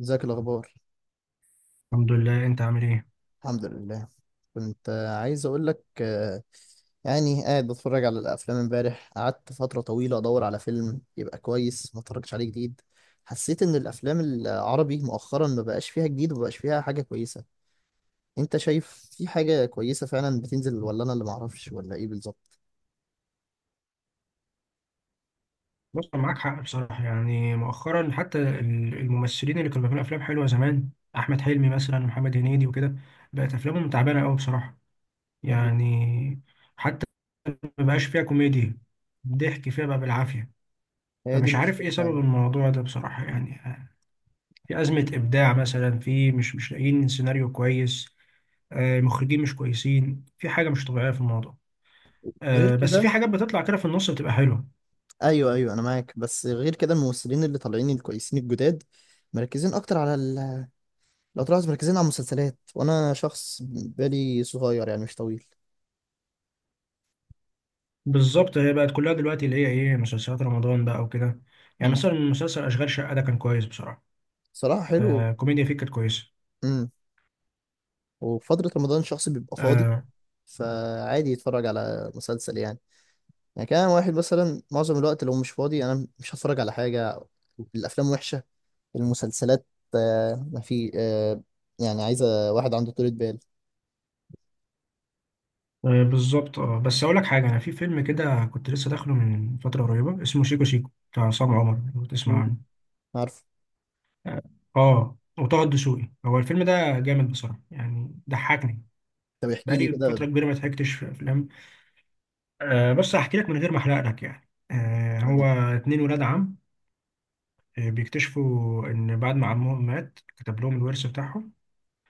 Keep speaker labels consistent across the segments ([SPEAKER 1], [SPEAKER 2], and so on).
[SPEAKER 1] ازيك الاخبار؟
[SPEAKER 2] الحمد لله، انت عامل ايه؟
[SPEAKER 1] الحمد لله. كنت عايز اقول لك يعني قاعد بتفرج على الافلام، امبارح قعدت فتره طويله ادور على فيلم يبقى كويس ما اتفرجش عليه جديد. حسيت ان الافلام العربي مؤخرا ما بقاش فيها جديد وما بقاش فيها حاجه كويسه. انت شايف في حاجه كويسه فعلا بتنزل ولا انا اللي معرفش ولا ايه بالظبط؟
[SPEAKER 2] بص، أنا معاك حق بصراحه. يعني مؤخرا حتى الممثلين اللي كانوا بيعملوا افلام حلوه زمان، احمد حلمي مثلا، محمد هنيدي وكده، بقت افلامهم تعبانه قوي بصراحه. يعني حتى ما بقاش فيها كوميديا، ضحك فيها بقى بالعافيه.
[SPEAKER 1] هي دي
[SPEAKER 2] فمش عارف ايه
[SPEAKER 1] المشكله فعلا.
[SPEAKER 2] سبب الموضوع ده بصراحه. يعني في ازمه ابداع مثلا، في مش لاقيين سيناريو كويس، مخرجين مش كويسين، في حاجه مش طبيعيه في الموضوع.
[SPEAKER 1] غير
[SPEAKER 2] بس في
[SPEAKER 1] كده،
[SPEAKER 2] حاجات بتطلع كده في النص بتبقى حلوه.
[SPEAKER 1] ايوه ايوه انا معاك، بس غير كده الممثلين اللي طالعين الكويسين الجداد مركزين اكتر على لو طلعت مركزين على المسلسلات، وانا شخص بالي صغير يعني مش طويل.
[SPEAKER 2] بالظبط، هي بقت كلها دلوقتي اللي هي ايه، مسلسلات رمضان بقى وكده. يعني
[SPEAKER 1] امم
[SPEAKER 2] مثلا مسلسل اشغال شقه ده كان كويس بصراحه.
[SPEAKER 1] صراحة حلو.
[SPEAKER 2] آه كوميديا فيه كانت كويسه.
[SPEAKER 1] امم وفترة رمضان الشخص بيبقى فاضي،
[SPEAKER 2] آه،
[SPEAKER 1] فعادي يتفرج على مسلسل يعني. يعني كان واحد مثلا معظم الوقت لو مش فاضي انا مش هتفرج على حاجة. الافلام وحشة، المسلسلات ما في يعني عايزة واحد عنده طولة بال.
[SPEAKER 2] بالظبط. اه بس اقول لك حاجه، انا في فيلم كده كنت لسه داخله من فتره قريبه اسمه شيكو شيكو بتاع عصام عمر، لو تسمع
[SPEAKER 1] مم.
[SPEAKER 2] عنه.
[SPEAKER 1] عارف.
[SPEAKER 2] اه، وطه دسوقي. هو الفيلم ده جامد بصراحه يعني، ضحكني.
[SPEAKER 1] طب احكي لي
[SPEAKER 2] بقالي
[SPEAKER 1] كده.
[SPEAKER 2] فتره كبيره ما ضحكتش في افلام. آه بس هحكي لك من غير ما احرق لك يعني. آه هو
[SPEAKER 1] آه.
[SPEAKER 2] اتنين ولاد عم، بيكتشفوا إن بعد ما عمهم مات كتب لهم الورث بتاعهم.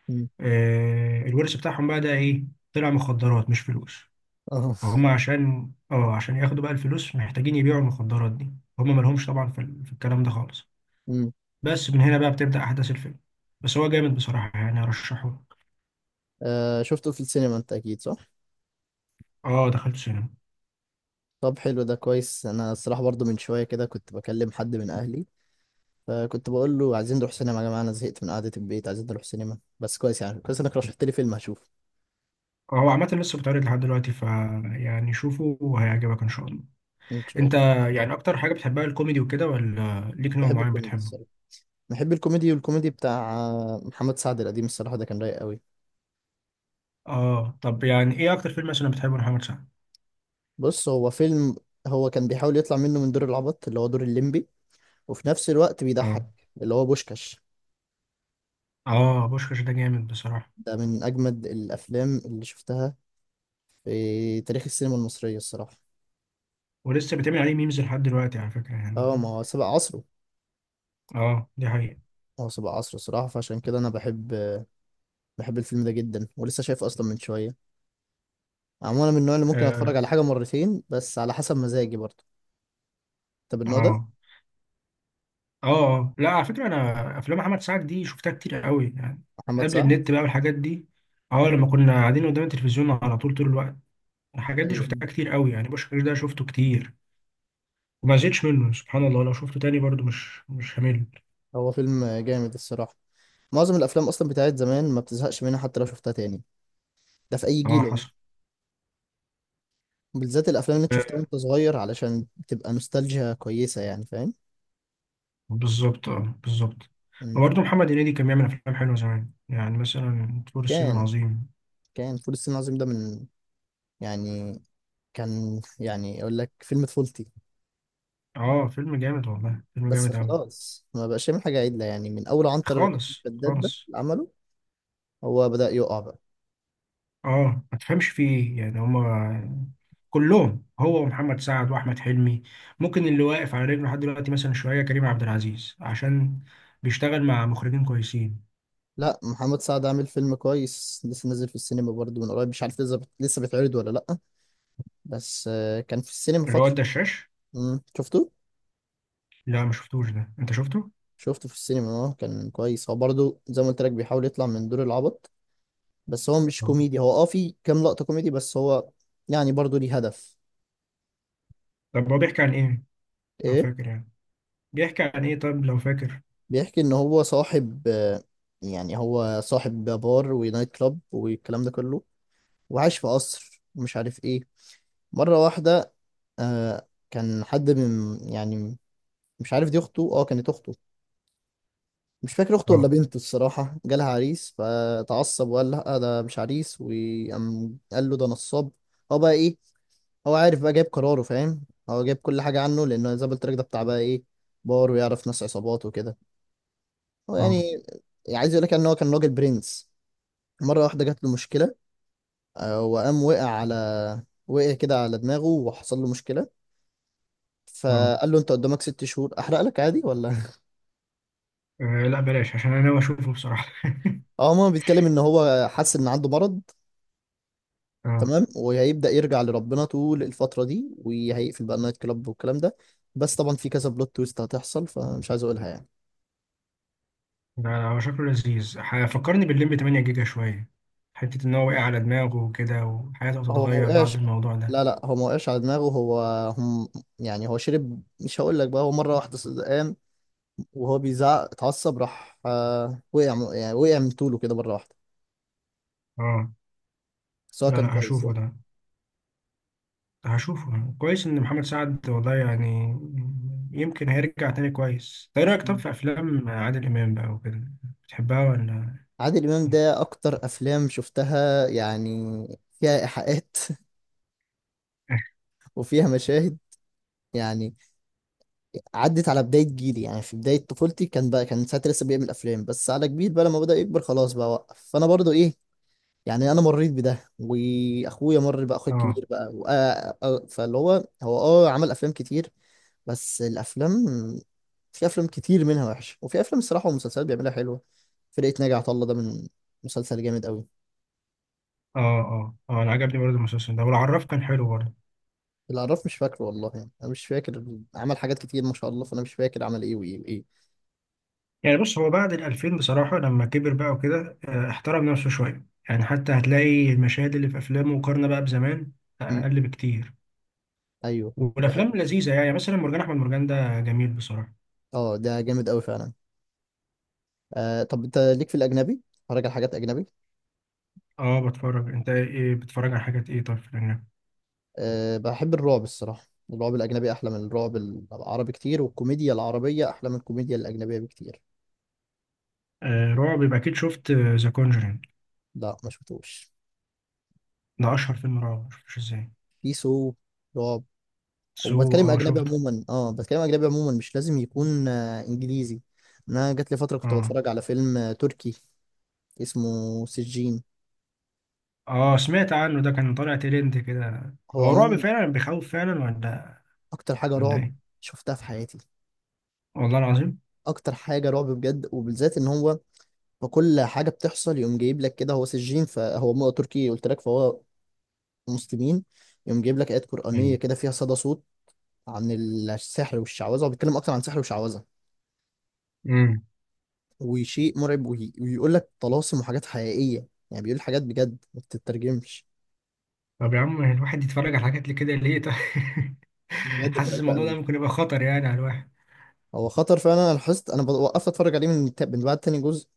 [SPEAKER 1] مم.
[SPEAKER 2] الورث بتاعهم بقى ده إيه؟ طلع مخدرات مش فلوس.
[SPEAKER 1] اه.
[SPEAKER 2] فهم عشان اه عشان ياخدوا بقى الفلوس محتاجين يبيعوا المخدرات دي. هم مالهمش طبعا في, في الكلام ده خالص.
[SPEAKER 1] مم.
[SPEAKER 2] بس من هنا بقى بتبدأ أحداث الفيلم. بس هو جامد بصراحة يعني، أرشحه لك.
[SPEAKER 1] شفته في السينما انت اكيد صح؟
[SPEAKER 2] اه دخلت سينما.
[SPEAKER 1] طب حلو ده كويس، انا الصراحه برضو من شويه كده كنت بكلم حد من اهلي، فكنت بقول له عايزين نروح سينما يا جماعه، انا زهقت من قعده البيت، عايزين نروح سينما. بس كويس يعني كويس انك رشحت لي فيلم هشوفه.
[SPEAKER 2] هو عامة لسه بيتعرض لحد دلوقتي، ف يعني شوفه وهيعجبك إن شاء الله.
[SPEAKER 1] ان شاء
[SPEAKER 2] أنت
[SPEAKER 1] الله.
[SPEAKER 2] يعني أكتر حاجة بتحبها الكوميدي وكده، ولا ليك نوع
[SPEAKER 1] بحب
[SPEAKER 2] معين
[SPEAKER 1] الكوميدي الصراحه.
[SPEAKER 2] بتحبه؟
[SPEAKER 1] بحب الكوميدي، والكوميدي بتاع محمد سعد القديم الصراحه ده كان رايق قوي.
[SPEAKER 2] اه طب يعني ايه اكتر فيلم مثلا بتحبه لمحمد سعد؟
[SPEAKER 1] بص هو فيلم، هو كان بيحاول يطلع منه من دور العبط اللي هو دور الليمبي، وفي نفس الوقت
[SPEAKER 2] اه،
[SPEAKER 1] بيضحك، اللي هو بوشكاش.
[SPEAKER 2] اه بوشكاش ده جامد بصراحه.
[SPEAKER 1] ده من اجمد الافلام اللي شفتها في تاريخ السينما المصريه الصراحه.
[SPEAKER 2] ولسه بيتعمل عليه ميمز لحد دلوقتي على فكره
[SPEAKER 1] اه ما
[SPEAKER 2] يعني.
[SPEAKER 1] هو سبق عصره.
[SPEAKER 2] اه دي حقيقه.
[SPEAKER 1] هو سبع عصر صراحة، فعشان كده أنا بحب الفيلم ده جدا ولسه شايفه أصلا من شوية. عموما أنا من النوع اللي ممكن أتفرج
[SPEAKER 2] اه،
[SPEAKER 1] على حاجة مرتين بس على حسب مزاجي برضه. طب النوع ده.
[SPEAKER 2] اه، اه، آه. لا على فكره انا افلام محمد سعد دي شفتها كتير قوي يعني،
[SPEAKER 1] محمد
[SPEAKER 2] قبل
[SPEAKER 1] سعد.
[SPEAKER 2] النت بقى والحاجات دي. اه لما كنا قاعدين قدام التلفزيون على طول طول الوقت، الحاجات دي
[SPEAKER 1] أيوة.
[SPEAKER 2] شفتها كتير قوي يعني. بوشكاش ده شفته كتير وما زهقتش منه سبحان الله. لو شفته تاني برضو مش همل.
[SPEAKER 1] هو فيلم جامد الصراحة. معظم الأفلام أصلا بتاعت زمان ما بتزهقش منها حتى لو شفتها تاني. ده في أي
[SPEAKER 2] اه
[SPEAKER 1] جيل عموماً.
[SPEAKER 2] حصل.
[SPEAKER 1] بالذات الأفلام اللي أنت شفتها وأنت صغير علشان بتبقى نوستالجيا كويسة يعني فاهم.
[SPEAKER 2] بالظبط اه بالظبط.
[SPEAKER 1] مم.
[SPEAKER 2] وبرضه محمد هنيدي كان بيعمل افلام حلوه زمان، يعني مثلا فول الصين
[SPEAKER 1] كان
[SPEAKER 2] العظيم.
[SPEAKER 1] كان فول الصين العظيم ده من، يعني، كان يعني أقول لك فيلم طفولتي.
[SPEAKER 2] اه فيلم جامد والله، فيلم
[SPEAKER 1] بس
[SPEAKER 2] جامد قوي.
[SPEAKER 1] خلاص ما بقاش يعمل حاجة عدلة يعني، من أول عنتر ابن
[SPEAKER 2] خالص
[SPEAKER 1] شداد ده
[SPEAKER 2] خالص.
[SPEAKER 1] اللي عمله هو بدأ يقع بقى.
[SPEAKER 2] اه ما تفهمش فيه إيه. يعني هما كلهم، هو ومحمد سعد واحمد حلمي. ممكن اللي واقف على رجله لحد دلوقتي مثلا شويه كريم عبد العزيز، عشان بيشتغل مع مخرجين كويسين.
[SPEAKER 1] لا محمد سعد عامل فيلم كويس لسه نازل في السينما برضه من قريب، مش عارف لسه بيتعرض ولا لأ. بس كان في السينما
[SPEAKER 2] اللي هو
[SPEAKER 1] فترة.
[SPEAKER 2] الدشاش.
[SPEAKER 1] مم. شفته؟
[SPEAKER 2] لا ما شفتوش ده، انت شفته.
[SPEAKER 1] شفته في السينما، اه كان كويس، هو برضه زي ما قلت لك بيحاول يطلع من دور العبط. بس هو مش
[SPEAKER 2] اه
[SPEAKER 1] كوميدي، هو في كام لقطة كوميدي بس هو يعني برضه ليه هدف.
[SPEAKER 2] طب هو بيحكي عن ايه لو
[SPEAKER 1] ايه؟
[SPEAKER 2] فاكر يعني؟ بيحكي عن ايه طب لو فاكر؟
[SPEAKER 1] بيحكي ان هو صاحب، يعني هو صاحب بار ونايت كلاب والكلام ده كله، وعايش في قصر ومش عارف ايه. مرة واحدة كان حد من، يعني، مش عارف دي اخته، اه كانت اخته، مش فاكر اخته ولا
[SPEAKER 2] اه،
[SPEAKER 1] بنته الصراحة، جالها عريس فتعصب وقال لا ده مش عريس، وقام قال له ده نصاب. هو بقى ايه، هو عارف بقى جايب قراره فاهم. هو جايب كل حاجة عنه لأنه زي ما قلت لك ده بتاع بقى ايه، بار ويعرف ناس عصابات وكده. هو
[SPEAKER 2] اه،
[SPEAKER 1] يعني عايز يقول لك يعني ان هو كان راجل برنس. مرة واحدة جات له مشكلة، وقام وقع على، وقع كده على دماغه وحصل له مشكلة.
[SPEAKER 2] اه،
[SPEAKER 1] فقال له انت قدامك 6 شهور، احرق لك عادي ولا؟
[SPEAKER 2] آه لا بلاش عشان انا ناوي اشوفه بصراحه.
[SPEAKER 1] اه ماما بيتكلم ان هو حاسس ان عنده مرض.
[SPEAKER 2] اه
[SPEAKER 1] تمام، وهيبدأ يرجع لربنا طول الفترة دي، وهيقفل بقى النايت كلاب والكلام ده. بس طبعا في كذا بلوت تويست هتحصل فمش عايز اقولها يعني.
[SPEAKER 2] ده هو شكله لذيذ، فكرني بالليمبي 8 جيجا شويه. حته ان هو واقع على دماغه وكده وحياته
[SPEAKER 1] هو ما
[SPEAKER 2] هتتغير بعد
[SPEAKER 1] وقعش.
[SPEAKER 2] الموضوع ده.
[SPEAKER 1] لا لا هو ما وقعش على دماغه، هو هم يعني هو شرب، مش هقول لك بقى. هو مرة واحدة قام وهو بيزعق اتعصب، راح وقع يعني وقع من طوله كده مرة واحدة.
[SPEAKER 2] اه.
[SPEAKER 1] بس هو
[SPEAKER 2] لا
[SPEAKER 1] كان
[SPEAKER 2] لا
[SPEAKER 1] كويس.
[SPEAKER 2] هشوفه ده. هشوفه كويس ان محمد سعد والله يعني، يمكن هيرجع تاني كويس. ايه رايك طب
[SPEAKER 1] يعني
[SPEAKER 2] في افلام عادل امام بقى وكده، بتحبها ولا؟
[SPEAKER 1] عادل إمام
[SPEAKER 2] إيه؟
[SPEAKER 1] ده أكتر أفلام شفتها يعني فيها إيحاءات وفيها مشاهد يعني. عدت على بداية جيلي يعني، في بداية طفولتي كان بقى كان ساعتها لسه بيعمل أفلام بس على كبير بقى، لما بدأ يكبر خلاص بقى وقف، فأنا برضو إيه، يعني أنا مريت بده وأخويا مر بقى، أخويا
[SPEAKER 2] اه،
[SPEAKER 1] الكبير بقى فاللي هو، هو أه عمل أفلام كتير، بس الأفلام، في أفلام كتير منها وحشة وفي أفلام الصراحة ومسلسلات بيعملها حلوة. فرقة ناجي عطا الله ده من، مسلسل جامد أوي.
[SPEAKER 2] اه، اه. اه انا عجبني برضه المسلسل ده، والعراف كان حلو برضه.
[SPEAKER 1] العراف مش فاكره والله يعني انا مش فاكر، عمل حاجات كتير ما شاء الله، فانا مش فاكر عمل ايه وايه وايه.
[SPEAKER 2] يعني بص هو بعد ال 2000 بصراحة لما كبر بقى وكده، احترم نفسه شوية يعني. حتى هتلاقي المشاهد اللي في أفلامه مقارنة بقى بزمان،
[SPEAKER 1] مم.
[SPEAKER 2] أقل بكتير.
[SPEAKER 1] ايوه. دي
[SPEAKER 2] والأفلام
[SPEAKER 1] حقيقة.
[SPEAKER 2] لذيذة، يعني مثلا مرجان أحمد مرجان ده جميل بصراحة.
[SPEAKER 1] اه ده جامد قوي فعلا. طب انت ليك في الاجنبي، اتفرج على حاجات اجنبي؟
[SPEAKER 2] أه بتفرج. أنت إيه بتتفرج على حاجات إيه طيب في الأجنبي؟
[SPEAKER 1] بحب الرعب الصراحه. الرعب الاجنبي احلى من الرعب العربي كتير، والكوميديا العربيه احلى من الكوميديا الاجنبيه بكتير.
[SPEAKER 2] آه رعب يبقى أكيد شفت ذا كونجرينج.
[SPEAKER 1] لا ما شفتوش.
[SPEAKER 2] ده أشهر فيلم رعب، مشفتوش إزاي؟
[SPEAKER 1] في سو، رعب.
[SPEAKER 2] سو،
[SPEAKER 1] وبتكلم
[SPEAKER 2] أه
[SPEAKER 1] اجنبي
[SPEAKER 2] شفته.
[SPEAKER 1] عموما، بتكلم اجنبي عموما، مش لازم يكون انجليزي. انا جات لي فتره كنت
[SPEAKER 2] أه،
[SPEAKER 1] بتفرج على فيلم تركي اسمه سجين.
[SPEAKER 2] أه سمعت عنه، ده كان طالع ترند كده.
[SPEAKER 1] هو
[SPEAKER 2] هو رعب
[SPEAKER 1] عموما
[SPEAKER 2] فعلا بيخوف فعلا ولا،
[SPEAKER 1] اكتر حاجه
[SPEAKER 2] ولا
[SPEAKER 1] رعب
[SPEAKER 2] إيه؟
[SPEAKER 1] شفتها في حياتي.
[SPEAKER 2] والله العظيم.
[SPEAKER 1] اكتر حاجه رعب بجد، وبالذات ان هو، فكل حاجه بتحصل يقوم جايب لك كده. هو سجين، فهو تركي قلت لك، فهو مسلمين، يقوم جايب لك ايات قرانيه كده فيها صدى صوت، عن السحر والشعوذه. هو بيتكلم اكتر عن سحر وشعوذه
[SPEAKER 2] مم.
[SPEAKER 1] وشيء مرعب، ويقول لك طلاسم وحاجات حقيقيه يعني بيقول حاجات بجد ما بتترجمش.
[SPEAKER 2] طب يا عم الواحد يتفرج على حاجات كده ليه طيب؟
[SPEAKER 1] بجد
[SPEAKER 2] حاسس
[SPEAKER 1] مرعبه
[SPEAKER 2] الموضوع ده
[SPEAKER 1] قوي.
[SPEAKER 2] ممكن يبقى خطر يعني على الواحد.
[SPEAKER 1] هو خطر فعلا، انا لاحظت، وقفت اتفرج عليه من من بعد تاني جزء.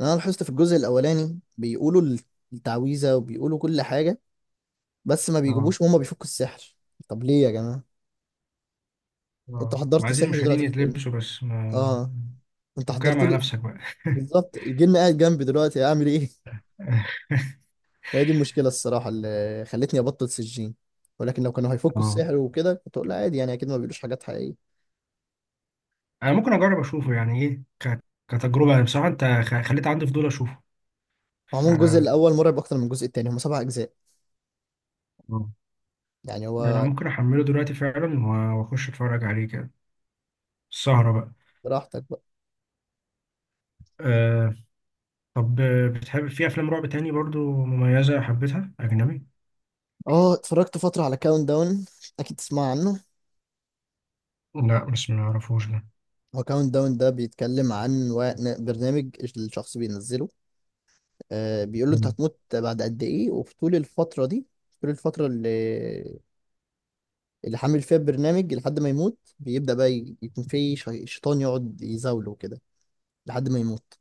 [SPEAKER 1] لأن انا لاحظت في الجزء الاولاني بيقولوا التعويذه وبيقولوا كل حاجه، بس ما
[SPEAKER 2] اه،
[SPEAKER 1] بيجيبوش وهم بيفكوا السحر. طب ليه يا جماعة، انتوا
[SPEAKER 2] اه ما
[SPEAKER 1] حضرتوا
[SPEAKER 2] عايزين
[SPEAKER 1] سحر
[SPEAKER 2] المشاهدين
[SPEAKER 1] دلوقتي في الفيلم؟
[SPEAKER 2] يتلبسوا بس ما.
[SPEAKER 1] اه انت
[SPEAKER 2] فكها
[SPEAKER 1] حضرت
[SPEAKER 2] مع
[SPEAKER 1] لي.
[SPEAKER 2] نفسك بقى.
[SPEAKER 1] بالظبط الجن قاعد جنبي دلوقتي اعمل ايه؟ هي دي المشكلة الصراحة اللي خلتني ابطل سجين. ولكن لو كانوا هيفكوا
[SPEAKER 2] اه
[SPEAKER 1] السحر وكده كنت اقول لا عادي يعني، اكيد ما بيقولوش حاجات حقيقية.
[SPEAKER 2] انا ممكن اجرب اشوفه يعني، ايه كتجربه يعني بصراحه. انت خليت عندي فضول اشوفه. ف...
[SPEAKER 1] عموما الجزء
[SPEAKER 2] اه
[SPEAKER 1] الاول مرعب اكتر من الجزء التاني، هم 7 اجزاء يعني
[SPEAKER 2] ده انا
[SPEAKER 1] هو.
[SPEAKER 2] ممكن احمله دلوقتي فعلا واخش اتفرج عليه كده، السهره بقى.
[SPEAKER 1] براحتك بقى.
[SPEAKER 2] أه. طب بتحب في افلام رعب تاني برضو مميزه حبيتها اجنبي؟
[SPEAKER 1] اه اتفرجت فترة على كاونت داون، اكيد تسمع عنه.
[SPEAKER 2] لا بس ما اعرفوش ده.
[SPEAKER 1] هو كاونت داون ده بيتكلم عن برنامج، الشخص بينزله، بيقول له انت
[SPEAKER 2] مم.
[SPEAKER 1] هتموت بعد قد ايه، وفي طول الفترة دي، طول الفترة اللي حامل فيها البرنامج لحد ما يموت بيبدأ بقى يكون في شيطان يقعد يزاوله كده لحد ما يموت.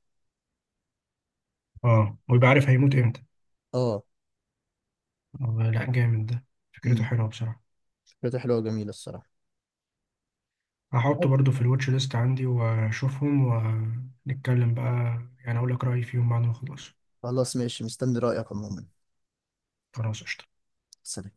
[SPEAKER 2] اه ويبقى عارف هيموت امتى.
[SPEAKER 1] اه.
[SPEAKER 2] والله لا جامد ده، فكرته
[SPEAKER 1] امم
[SPEAKER 2] حلوة بصراحة.
[SPEAKER 1] فكرته حلوة وجميلة الصراحة.
[SPEAKER 2] هحطه
[SPEAKER 1] طب،
[SPEAKER 2] برضو في الواتش ليست عندي واشوفهم. ونتكلم بقى، يعني اقول لك رأيي فيهم بعد ما اخلص.
[SPEAKER 1] خلاص ماشي مستني رأيك عموما.
[SPEAKER 2] خلاص قشطة.
[SPEAKER 1] سلام.